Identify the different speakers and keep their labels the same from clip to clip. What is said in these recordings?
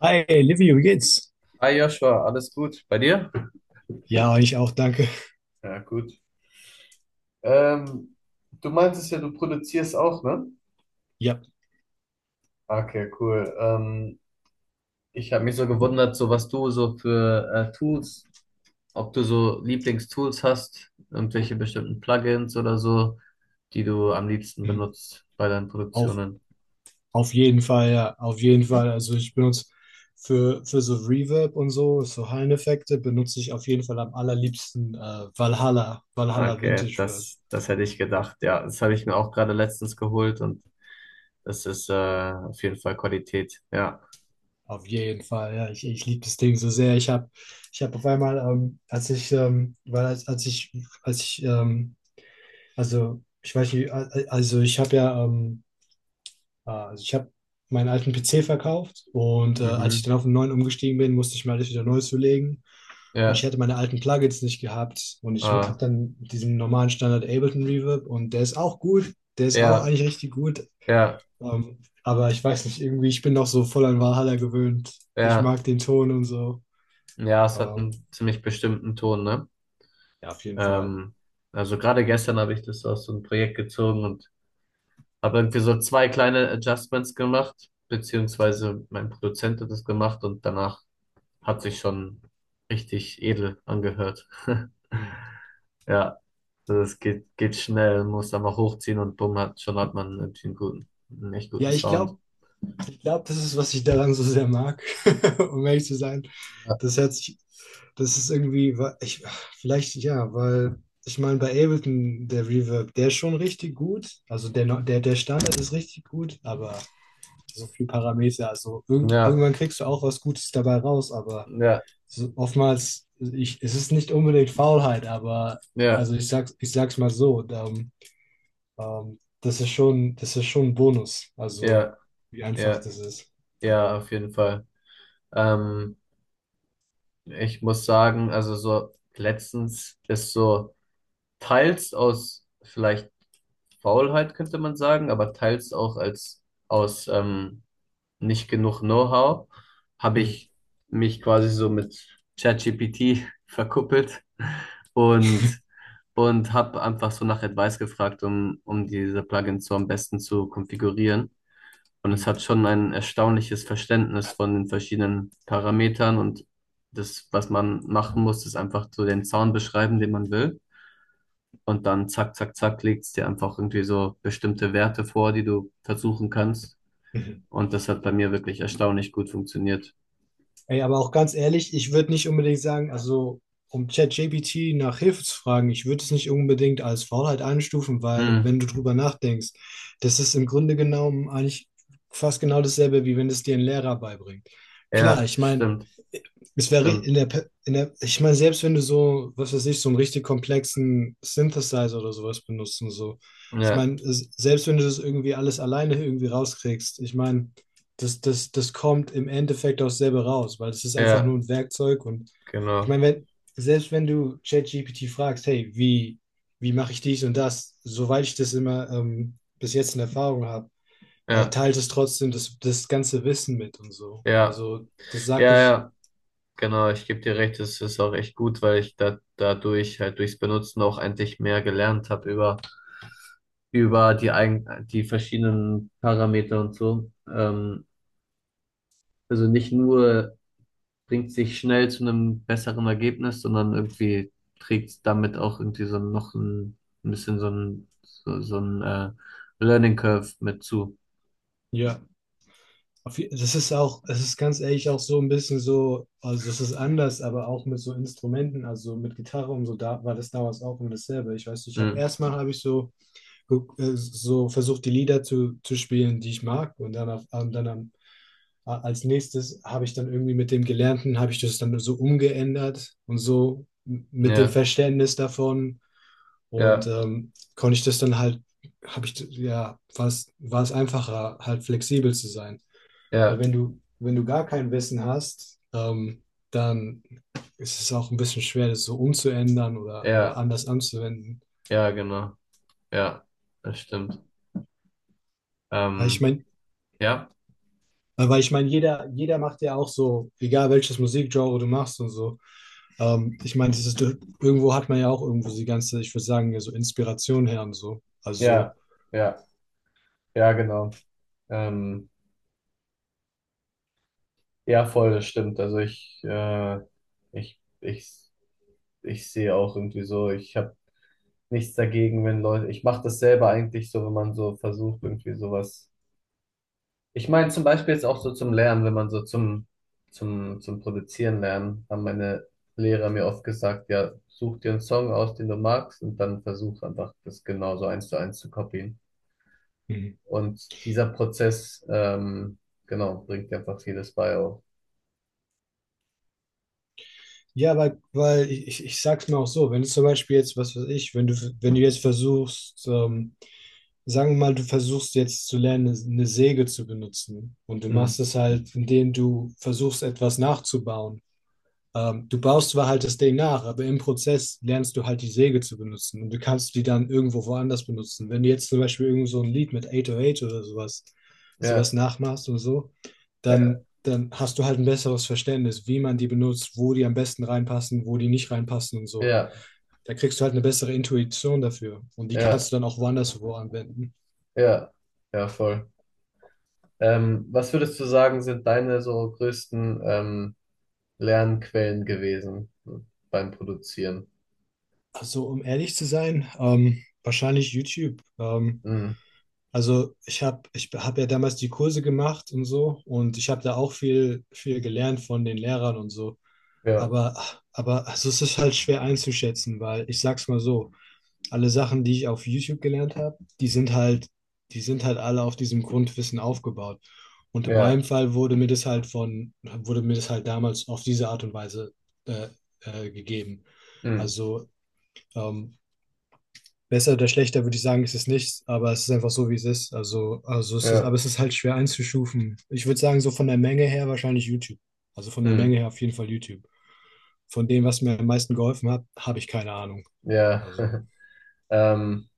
Speaker 1: Hi, Livio, wie geht's?
Speaker 2: Hi Joshua, alles gut? Bei dir?
Speaker 1: Ja, ich auch, danke.
Speaker 2: Ja, gut. Ähm, du meintest ja, du produzierst auch, ne?
Speaker 1: Ja,
Speaker 2: Okay, cool. Ich habe mich so gewundert, so was du so für Tools, ob du so Lieblingstools hast, irgendwelche bestimmten Plugins oder so, die du am liebsten
Speaker 1: mhm.
Speaker 2: benutzt bei deinen
Speaker 1: auf,
Speaker 2: Produktionen.
Speaker 1: auf jeden Fall. Also ich benutze für so Reverb und so, so Halleneffekte, benutze ich auf jeden Fall am allerliebsten Valhalla, Valhalla
Speaker 2: Okay,
Speaker 1: Vintage Reverb.
Speaker 2: das hätte ich gedacht. Ja, das habe ich mir auch gerade letztens geholt und das ist auf jeden Fall Qualität. Ja.
Speaker 1: Auf jeden Fall, ja, ich liebe das Ding so sehr. Ich hab auf einmal, als ich, weil als, als ich, also ich weiß nicht, also ich habe ich habe meinen alten PC verkauft und als ich
Speaker 2: Mhm.
Speaker 1: dann auf den neuen umgestiegen bin, musste ich mir alles wieder neu zulegen. Und ich
Speaker 2: Ja.
Speaker 1: hätte meine alten Plugins nicht gehabt. Und ich
Speaker 2: Äh,
Speaker 1: habe dann diesen normalen Standard Ableton Reverb und der ist auch gut. Der ist auch
Speaker 2: ja.
Speaker 1: eigentlich richtig gut.
Speaker 2: Ja.
Speaker 1: Ähm, aber ich weiß nicht, irgendwie, ich bin noch so voll an Valhalla gewöhnt. Ich
Speaker 2: Ja,
Speaker 1: mag den Ton und so.
Speaker 2: ja, es hat
Speaker 1: Ähm,
Speaker 2: einen ziemlich bestimmten Ton, ne?
Speaker 1: ja, auf jeden Fall.
Speaker 2: Ähm, also gerade gestern habe ich das aus so einem Projekt gezogen und habe irgendwie so zwei kleine Adjustments gemacht, beziehungsweise mein Produzent hat das gemacht und danach hat sich schon richtig edel angehört.
Speaker 1: Hm.
Speaker 2: Ja, also es geht schnell, muss einfach hochziehen und bumm, schon hat man irgendwie einen guten, einen echt guten
Speaker 1: Ja, ich
Speaker 2: Sound.
Speaker 1: glaube, Ich glaube, das ist, was ich daran so sehr mag, um ehrlich zu sein.
Speaker 2: Ja,
Speaker 1: Das hört sich, Das ist irgendwie, vielleicht ja, weil ich meine, bei Ableton, der Reverb, der ist schon richtig gut. Also der, no- der, der Standard ist richtig gut, aber so viel Parameter, also
Speaker 2: ja,
Speaker 1: irgendwann kriegst du auch was Gutes dabei raus, aber
Speaker 2: ja,
Speaker 1: so, oftmals, es ist nicht unbedingt Faulheit, aber
Speaker 2: ja,
Speaker 1: ich sag's mal so, das ist schon ein Bonus, also
Speaker 2: ja,
Speaker 1: wie einfach
Speaker 2: ja,
Speaker 1: das ist.
Speaker 2: ja, auf jeden Fall. Ähm, Ich muss sagen, also so letztens ist so teils aus vielleicht Faulheit, könnte man sagen, aber teils auch als aus nicht genug Know-how habe
Speaker 1: Hm.
Speaker 2: ich mich quasi so mit ChatGPT verkuppelt und, und habe einfach so nach Advice gefragt, um diese Plugins so am besten zu konfigurieren. Und es
Speaker 1: Hm.
Speaker 2: hat schon ein erstaunliches Verständnis von den verschiedenen Parametern und das, was man machen muss, ist einfach so den Sound beschreiben, den man will. Und dann zack, zack, zack, legt es dir einfach irgendwie so bestimmte Werte vor, die du versuchen kannst.
Speaker 1: Mhm.
Speaker 2: Und das hat bei mir wirklich erstaunlich gut funktioniert.
Speaker 1: Ey, aber auch ganz ehrlich, ich würde nicht unbedingt sagen, also um ChatGPT nach Hilfe zu fragen, ich würde es nicht unbedingt als Faulheit einstufen, weil
Speaker 2: Hm,
Speaker 1: wenn du drüber nachdenkst, das ist im Grunde genommen eigentlich fast genau dasselbe, wie wenn es dir ein Lehrer beibringt. Klar,
Speaker 2: ja,
Speaker 1: ich meine,
Speaker 2: stimmt,
Speaker 1: es wäre
Speaker 2: stimmt.
Speaker 1: in der, Pe- in der, ich meine, selbst wenn du so, was weiß ich, so einen richtig komplexen Synthesizer oder sowas benutzt und so, ich
Speaker 2: Ja,
Speaker 1: meine, selbst wenn du das irgendwie alles alleine irgendwie rauskriegst, ich meine, das kommt im Endeffekt auch selber raus, weil es ist einfach
Speaker 2: ja,
Speaker 1: nur ein Werkzeug und ich
Speaker 2: genau.
Speaker 1: meine, wenn, selbst wenn du ChatGPT fragst, hey, wie mache ich dies und das, soweit ich das immer bis jetzt in Erfahrung habe,
Speaker 2: Ja,
Speaker 1: teilt es trotzdem das ganze Wissen mit und so.
Speaker 2: ja,
Speaker 1: Also das sagt
Speaker 2: ja,
Speaker 1: nicht,
Speaker 2: ja, genau. Ich gebe dir recht, es ist auch echt gut, weil dadurch halt durchs Benutzen auch eigentlich mehr gelernt habe über über die verschiedenen Parameter und so. Also nicht nur bringt sich schnell zu einem besseren Ergebnis, sondern irgendwie trägt damit auch irgendwie so noch ein bisschen so ein Learning Curve mit zu.
Speaker 1: ja, auf je- das ist auch, es ist ganz ehrlich auch so ein bisschen so, also es ist anders, aber auch mit so Instrumenten, also mit Gitarre und so, da war das damals auch immer dasselbe. Ich weiß, nicht, ich habe
Speaker 2: Mhm.
Speaker 1: erstmal habe ich so so versucht die Lieder zu spielen, die ich mag. Und dann, auf, und dann am, a- Als nächstes habe ich dann irgendwie mit dem Gelernten, habe ich das dann so umgeändert und so mit dem
Speaker 2: Ja,
Speaker 1: Verständnis davon. Und
Speaker 2: ja,
Speaker 1: konnte ich das dann halt, habe ich, ja, war es einfacher, halt flexibel zu sein. Weil
Speaker 2: ja,
Speaker 1: wenn du gar kein Wissen hast, dann ist es auch ein bisschen schwer, das so umzuändern oder
Speaker 2: ja,
Speaker 1: anders anzuwenden.
Speaker 2: ja, genau. Ja, das stimmt.
Speaker 1: Weil ich
Speaker 2: Ähm,
Speaker 1: meine,
Speaker 2: ja,
Speaker 1: Weil ich meine, jeder macht ja auch so, egal welches Musikgenre du machst und so. Ich meine, das ist, irgendwo hat man ja auch irgendwo die ganze, ich würde sagen, ja, so Inspiration her und so. Also,
Speaker 2: ja, ja, ja, genau. Ähm, ja, voll, das stimmt. Also ich ich sehe auch irgendwie so, ich habe nichts dagegen, wenn Leute, ich mache das selber eigentlich so, wenn man so versucht, irgendwie sowas. Ich meine zum Beispiel jetzt auch so zum Lernen, wenn man zum Produzieren lernen, haben meine Lehrer mir oft gesagt, ja, such dir einen Song aus, den du magst, und dann versuch einfach, das genauso eins zu kopieren.
Speaker 1: mhm.
Speaker 2: Und dieser Prozess, genau, bringt dir einfach vieles bei auch.
Speaker 1: Ja, weil ich sag's mal auch so, wenn du zum Beispiel jetzt, was weiß ich, wenn du jetzt versuchst, sagen wir mal, du versuchst jetzt zu lernen, eine Säge zu benutzen und du
Speaker 2: Hm.
Speaker 1: machst es halt, indem du versuchst, etwas nachzubauen. Du baust zwar halt das Ding nach, aber im Prozess lernst du halt die Säge zu benutzen und du kannst die dann irgendwo woanders benutzen. Wenn du jetzt zum Beispiel irgend so ein Lied mit 808 oder sowas,
Speaker 2: Ja,
Speaker 1: sowas nachmachst oder so,
Speaker 2: ja,
Speaker 1: dann hast du halt ein besseres Verständnis, wie man die benutzt, wo die am besten reinpassen, wo die nicht reinpassen und so.
Speaker 2: ja,
Speaker 1: Da kriegst du halt eine bessere Intuition dafür und die
Speaker 2: ja,
Speaker 1: kannst du dann auch woanders wo anwenden.
Speaker 2: ja, ja, voll. Was würdest du sagen, sind deine so größten Lernquellen gewesen beim Produzieren?
Speaker 1: Also, um ehrlich zu sein, wahrscheinlich YouTube. Ähm,
Speaker 2: Mhm.
Speaker 1: Also ich habe ich hab ja damals die Kurse gemacht und so und ich habe da auch viel, viel gelernt von den Lehrern und so.
Speaker 2: Ja,
Speaker 1: Aber, aber also es ist halt schwer einzuschätzen, weil ich sag's mal so, alle Sachen, die ich auf YouTube gelernt habe, die sind halt alle auf diesem Grundwissen aufgebaut. Und in meinem
Speaker 2: ja,
Speaker 1: Fall wurde mir das halt von, wurde mir das halt damals auf diese Art und Weise äh, gegeben.
Speaker 2: mhm.
Speaker 1: Also ähm, besser oder schlechter würde ich sagen, ist es nicht, aber es ist einfach so, wie es ist. Also es ist,
Speaker 2: Ja,
Speaker 1: aber es ist halt schwer einzustufen. Ich würde sagen, so von der Menge her wahrscheinlich YouTube. Also von der
Speaker 2: mhm.
Speaker 1: Menge her auf jeden Fall YouTube. Von dem, was mir am meisten geholfen hat, habe ich keine Ahnung.
Speaker 2: Ja.
Speaker 1: Also,
Speaker 2: Ähm,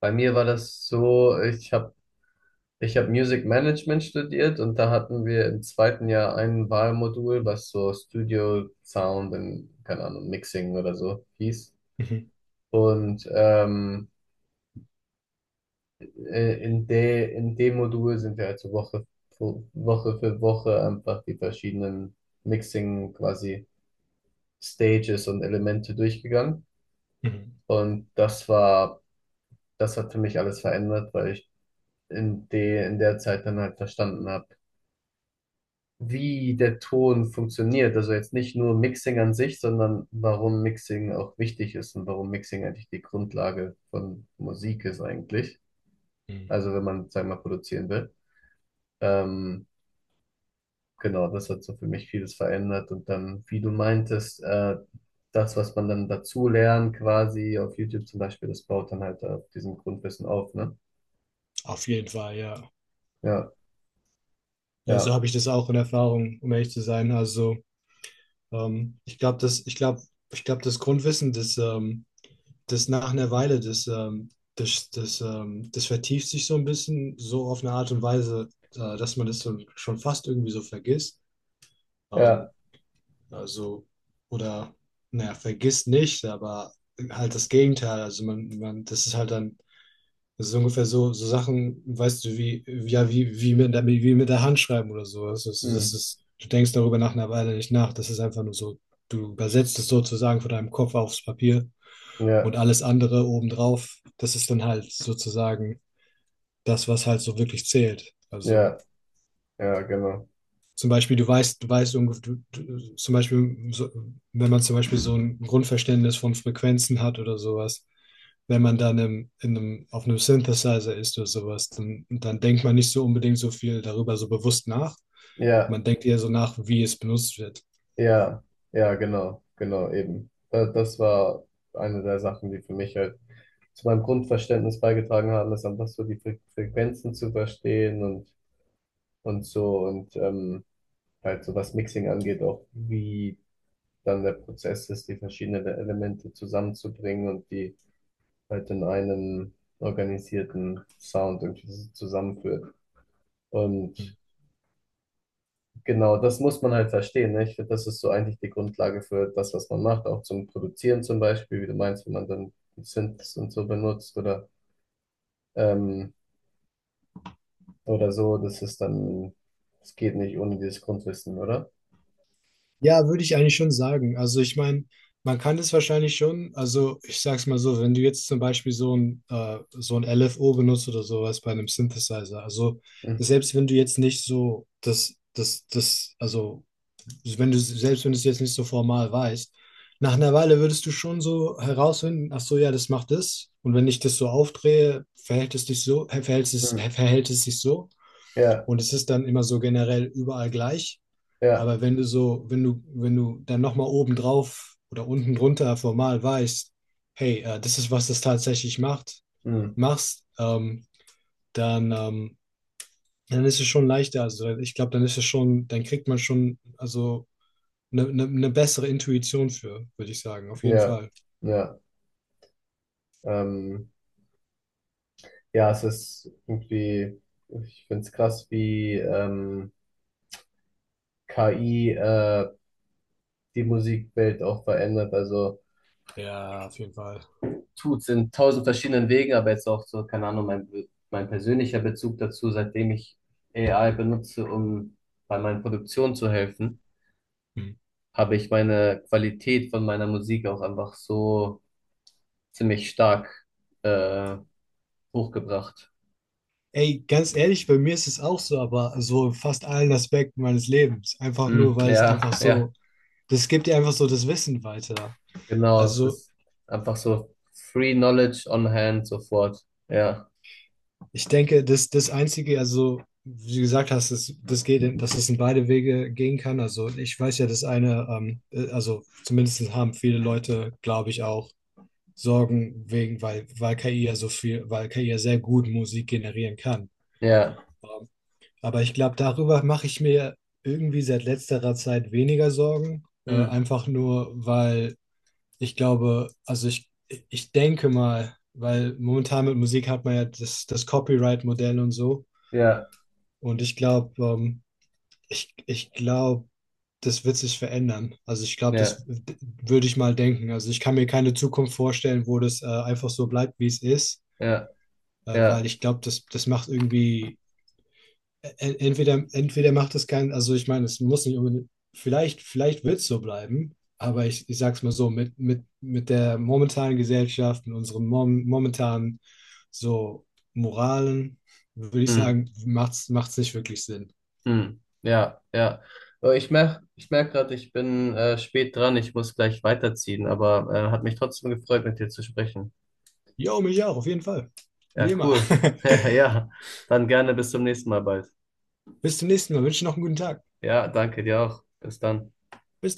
Speaker 2: bei mir war das so, ich hab Music Management studiert und da hatten wir im zweiten Jahr ein Wahlmodul, was so Studio Sound und, keine Ahnung, Mixing oder so hieß.
Speaker 1: mhm,
Speaker 2: Und in in dem Modul sind wir also Woche für Woche einfach die verschiedenen Mixing quasi Stages und Elemente durchgegangen.
Speaker 1: mhm,
Speaker 2: Und das hat für mich alles verändert, weil ich in der Zeit dann halt verstanden habe, wie der Ton funktioniert. Also jetzt nicht nur Mixing an sich, sondern warum Mixing auch wichtig ist und warum Mixing eigentlich die Grundlage von Musik ist eigentlich.
Speaker 1: mhm.
Speaker 2: Also wenn man, sagen wir mal, produzieren will. Ähm, Genau, das hat so für mich vieles verändert. Und dann, wie du meintest, das, was man dann dazu lernt, quasi auf YouTube zum Beispiel, das baut dann halt auf diesem Grundwissen auf, ne?
Speaker 1: Auf jeden Fall, ja.
Speaker 2: Ja,
Speaker 1: Ja, so
Speaker 2: ja,
Speaker 1: habe ich das auch in Erfahrung, um ehrlich zu sein. Also, ähm, ich glaube, das, ich glaube, ich glaube, das Grundwissen, das, das nach einer Weile, das, das, das, das vertieft sich so ein bisschen, so auf eine Art und Weise, dass man das so, schon fast irgendwie so vergisst.
Speaker 2: ja,
Speaker 1: Ähm, also, oder, naja, vergisst nicht, aber halt das Gegenteil. Also, das ist halt dann, das ist ungefähr so, so Sachen, weißt du, wie mit der Hand schreiben oder so. Das ist, das
Speaker 2: hm,
Speaker 1: ist, du denkst darüber nach einer Weile nicht nach. Das ist einfach nur so, du übersetzt es sozusagen von deinem Kopf aufs Papier. Und
Speaker 2: ja,
Speaker 1: alles andere obendrauf, das ist dann halt sozusagen das, was halt so wirklich zählt. Also
Speaker 2: ja, ja, genau.
Speaker 1: zum Beispiel, du weißt, du weißt, du, zum Beispiel, so, wenn man zum Beispiel so ein Grundverständnis von Frequenzen hat oder sowas, wenn man dann auf einem Synthesizer ist oder sowas, dann denkt man nicht so unbedingt so viel darüber so bewusst nach.
Speaker 2: Ja,
Speaker 1: Man denkt eher so nach, wie es benutzt wird.
Speaker 2: ja, ja, genau, genau, eben. Das war eine der Sachen, die für mich halt zu meinem Grundverständnis beigetragen haben, ist einfach so die Frequenzen zu verstehen und so und halt so was Mixing angeht, auch wie dann der Prozess ist, die verschiedenen Elemente zusammenzubringen und die halt in einen organisierten Sound irgendwie so zusammenführt. Und genau, das muss man halt verstehen. Ne? Ich finde, das ist so eigentlich die Grundlage für das, was man macht, auch zum Produzieren zum Beispiel, wie du meinst, wenn man dann Synths und so benutzt ähm, oder so, das ist dann, es geht nicht ohne dieses Grundwissen, oder?
Speaker 1: Ja, würde ich eigentlich schon sagen. Also ich meine, man kann es wahrscheinlich schon, also ich sag's mal so, wenn du jetzt zum Beispiel so so ein LFO benutzt oder sowas bei einem Synthesizer, also
Speaker 2: Hm.
Speaker 1: selbst wenn du jetzt nicht so das, also wenn du, selbst wenn du es jetzt nicht so formal weißt, nach einer Weile würdest du schon so herausfinden, ach so, ja, das macht das. Und wenn ich das so aufdrehe, verhält es dich so,
Speaker 2: Hm.
Speaker 1: verhält es sich so.
Speaker 2: Ja,
Speaker 1: Und es ist dann immer so generell überall gleich.
Speaker 2: ja.
Speaker 1: Aber wenn du so, wenn du dann nochmal oben drauf oder unten drunter formal weißt, hey, das ist, was das tatsächlich macht,
Speaker 2: Hm,
Speaker 1: machst, ähm, dann, ähm, dann ist es schon leichter. Also ich glaube, dann ist es schon, dann kriegt man schon also ne bessere Intuition für, würde ich sagen. Auf jeden
Speaker 2: ja,
Speaker 1: Fall.
Speaker 2: ja, ähm, ja, es ist irgendwie, ich finde es krass, wie KI die Musikwelt auch verändert. Also
Speaker 1: Ja, auf jeden Fall.
Speaker 2: tut's in tausend verschiedenen Wegen, aber jetzt auch so, keine Ahnung, mein persönlicher Bezug dazu, seitdem ich AI benutze, um bei meinen Produktionen zu helfen,
Speaker 1: Mhm.
Speaker 2: habe ich meine Qualität von meiner Musik auch einfach so ziemlich stark äh, hochgebracht.
Speaker 1: Ey, ganz ehrlich, bei mir ist es auch so, aber so in fast allen Aspekten meines Lebens. Einfach nur,
Speaker 2: Hm,
Speaker 1: weil es
Speaker 2: ja,
Speaker 1: einfach
Speaker 2: ja.
Speaker 1: so, Das gibt dir einfach so das Wissen weiter.
Speaker 2: Genau, es
Speaker 1: Also
Speaker 2: ist einfach so free knowledge on hand sofort. Ja,
Speaker 1: ich denke, das Einzige, also wie du gesagt hast, das geht, dass es in beide Wege gehen kann. Also ich weiß ja, das eine, also zumindest haben viele Leute, glaube ich, auch Sorgen wegen, weil KI ja so viel, weil KI ja sehr gut Musik generieren kann.
Speaker 2: ja,
Speaker 1: Ähm, aber ich glaube, darüber mache ich mir irgendwie seit letzterer Zeit weniger Sorgen.
Speaker 2: hm,
Speaker 1: Einfach nur, weil ich glaube, ich denke mal, weil momentan mit Musik hat man ja das Copyright-Modell und so.
Speaker 2: ja,
Speaker 1: Und ich glaube, ich glaube, das wird sich verändern. Also ich glaube,
Speaker 2: ja,
Speaker 1: würde ich mal denken. Also ich kann mir keine Zukunft vorstellen, wo das einfach so bleibt, wie es ist,
Speaker 2: ja,
Speaker 1: weil
Speaker 2: ja,
Speaker 1: ich glaube, das macht irgendwie, entweder macht es keinen, also ich meine, es muss nicht unbedingt, vielleicht wird es so bleiben, aber ich sag's mal so, mit der momentanen Gesellschaft, mit unseren momentanen so Moralen, würde ich
Speaker 2: hm,
Speaker 1: sagen, macht's nicht wirklich Sinn.
Speaker 2: hm, ja, ja. Ich merk gerade, ich bin spät dran, ich muss gleich weiterziehen, aber hat mich trotzdem gefreut, mit dir zu sprechen.
Speaker 1: Jo, mich auch, auf jeden Fall. Wie
Speaker 2: Ja,
Speaker 1: immer.
Speaker 2: cool. Ja, dann gerne bis zum nächsten Mal bald.
Speaker 1: Bis zum nächsten Mal. Wünsche noch einen guten Tag.
Speaker 2: Ja, danke dir auch. Bis dann.
Speaker 1: Bis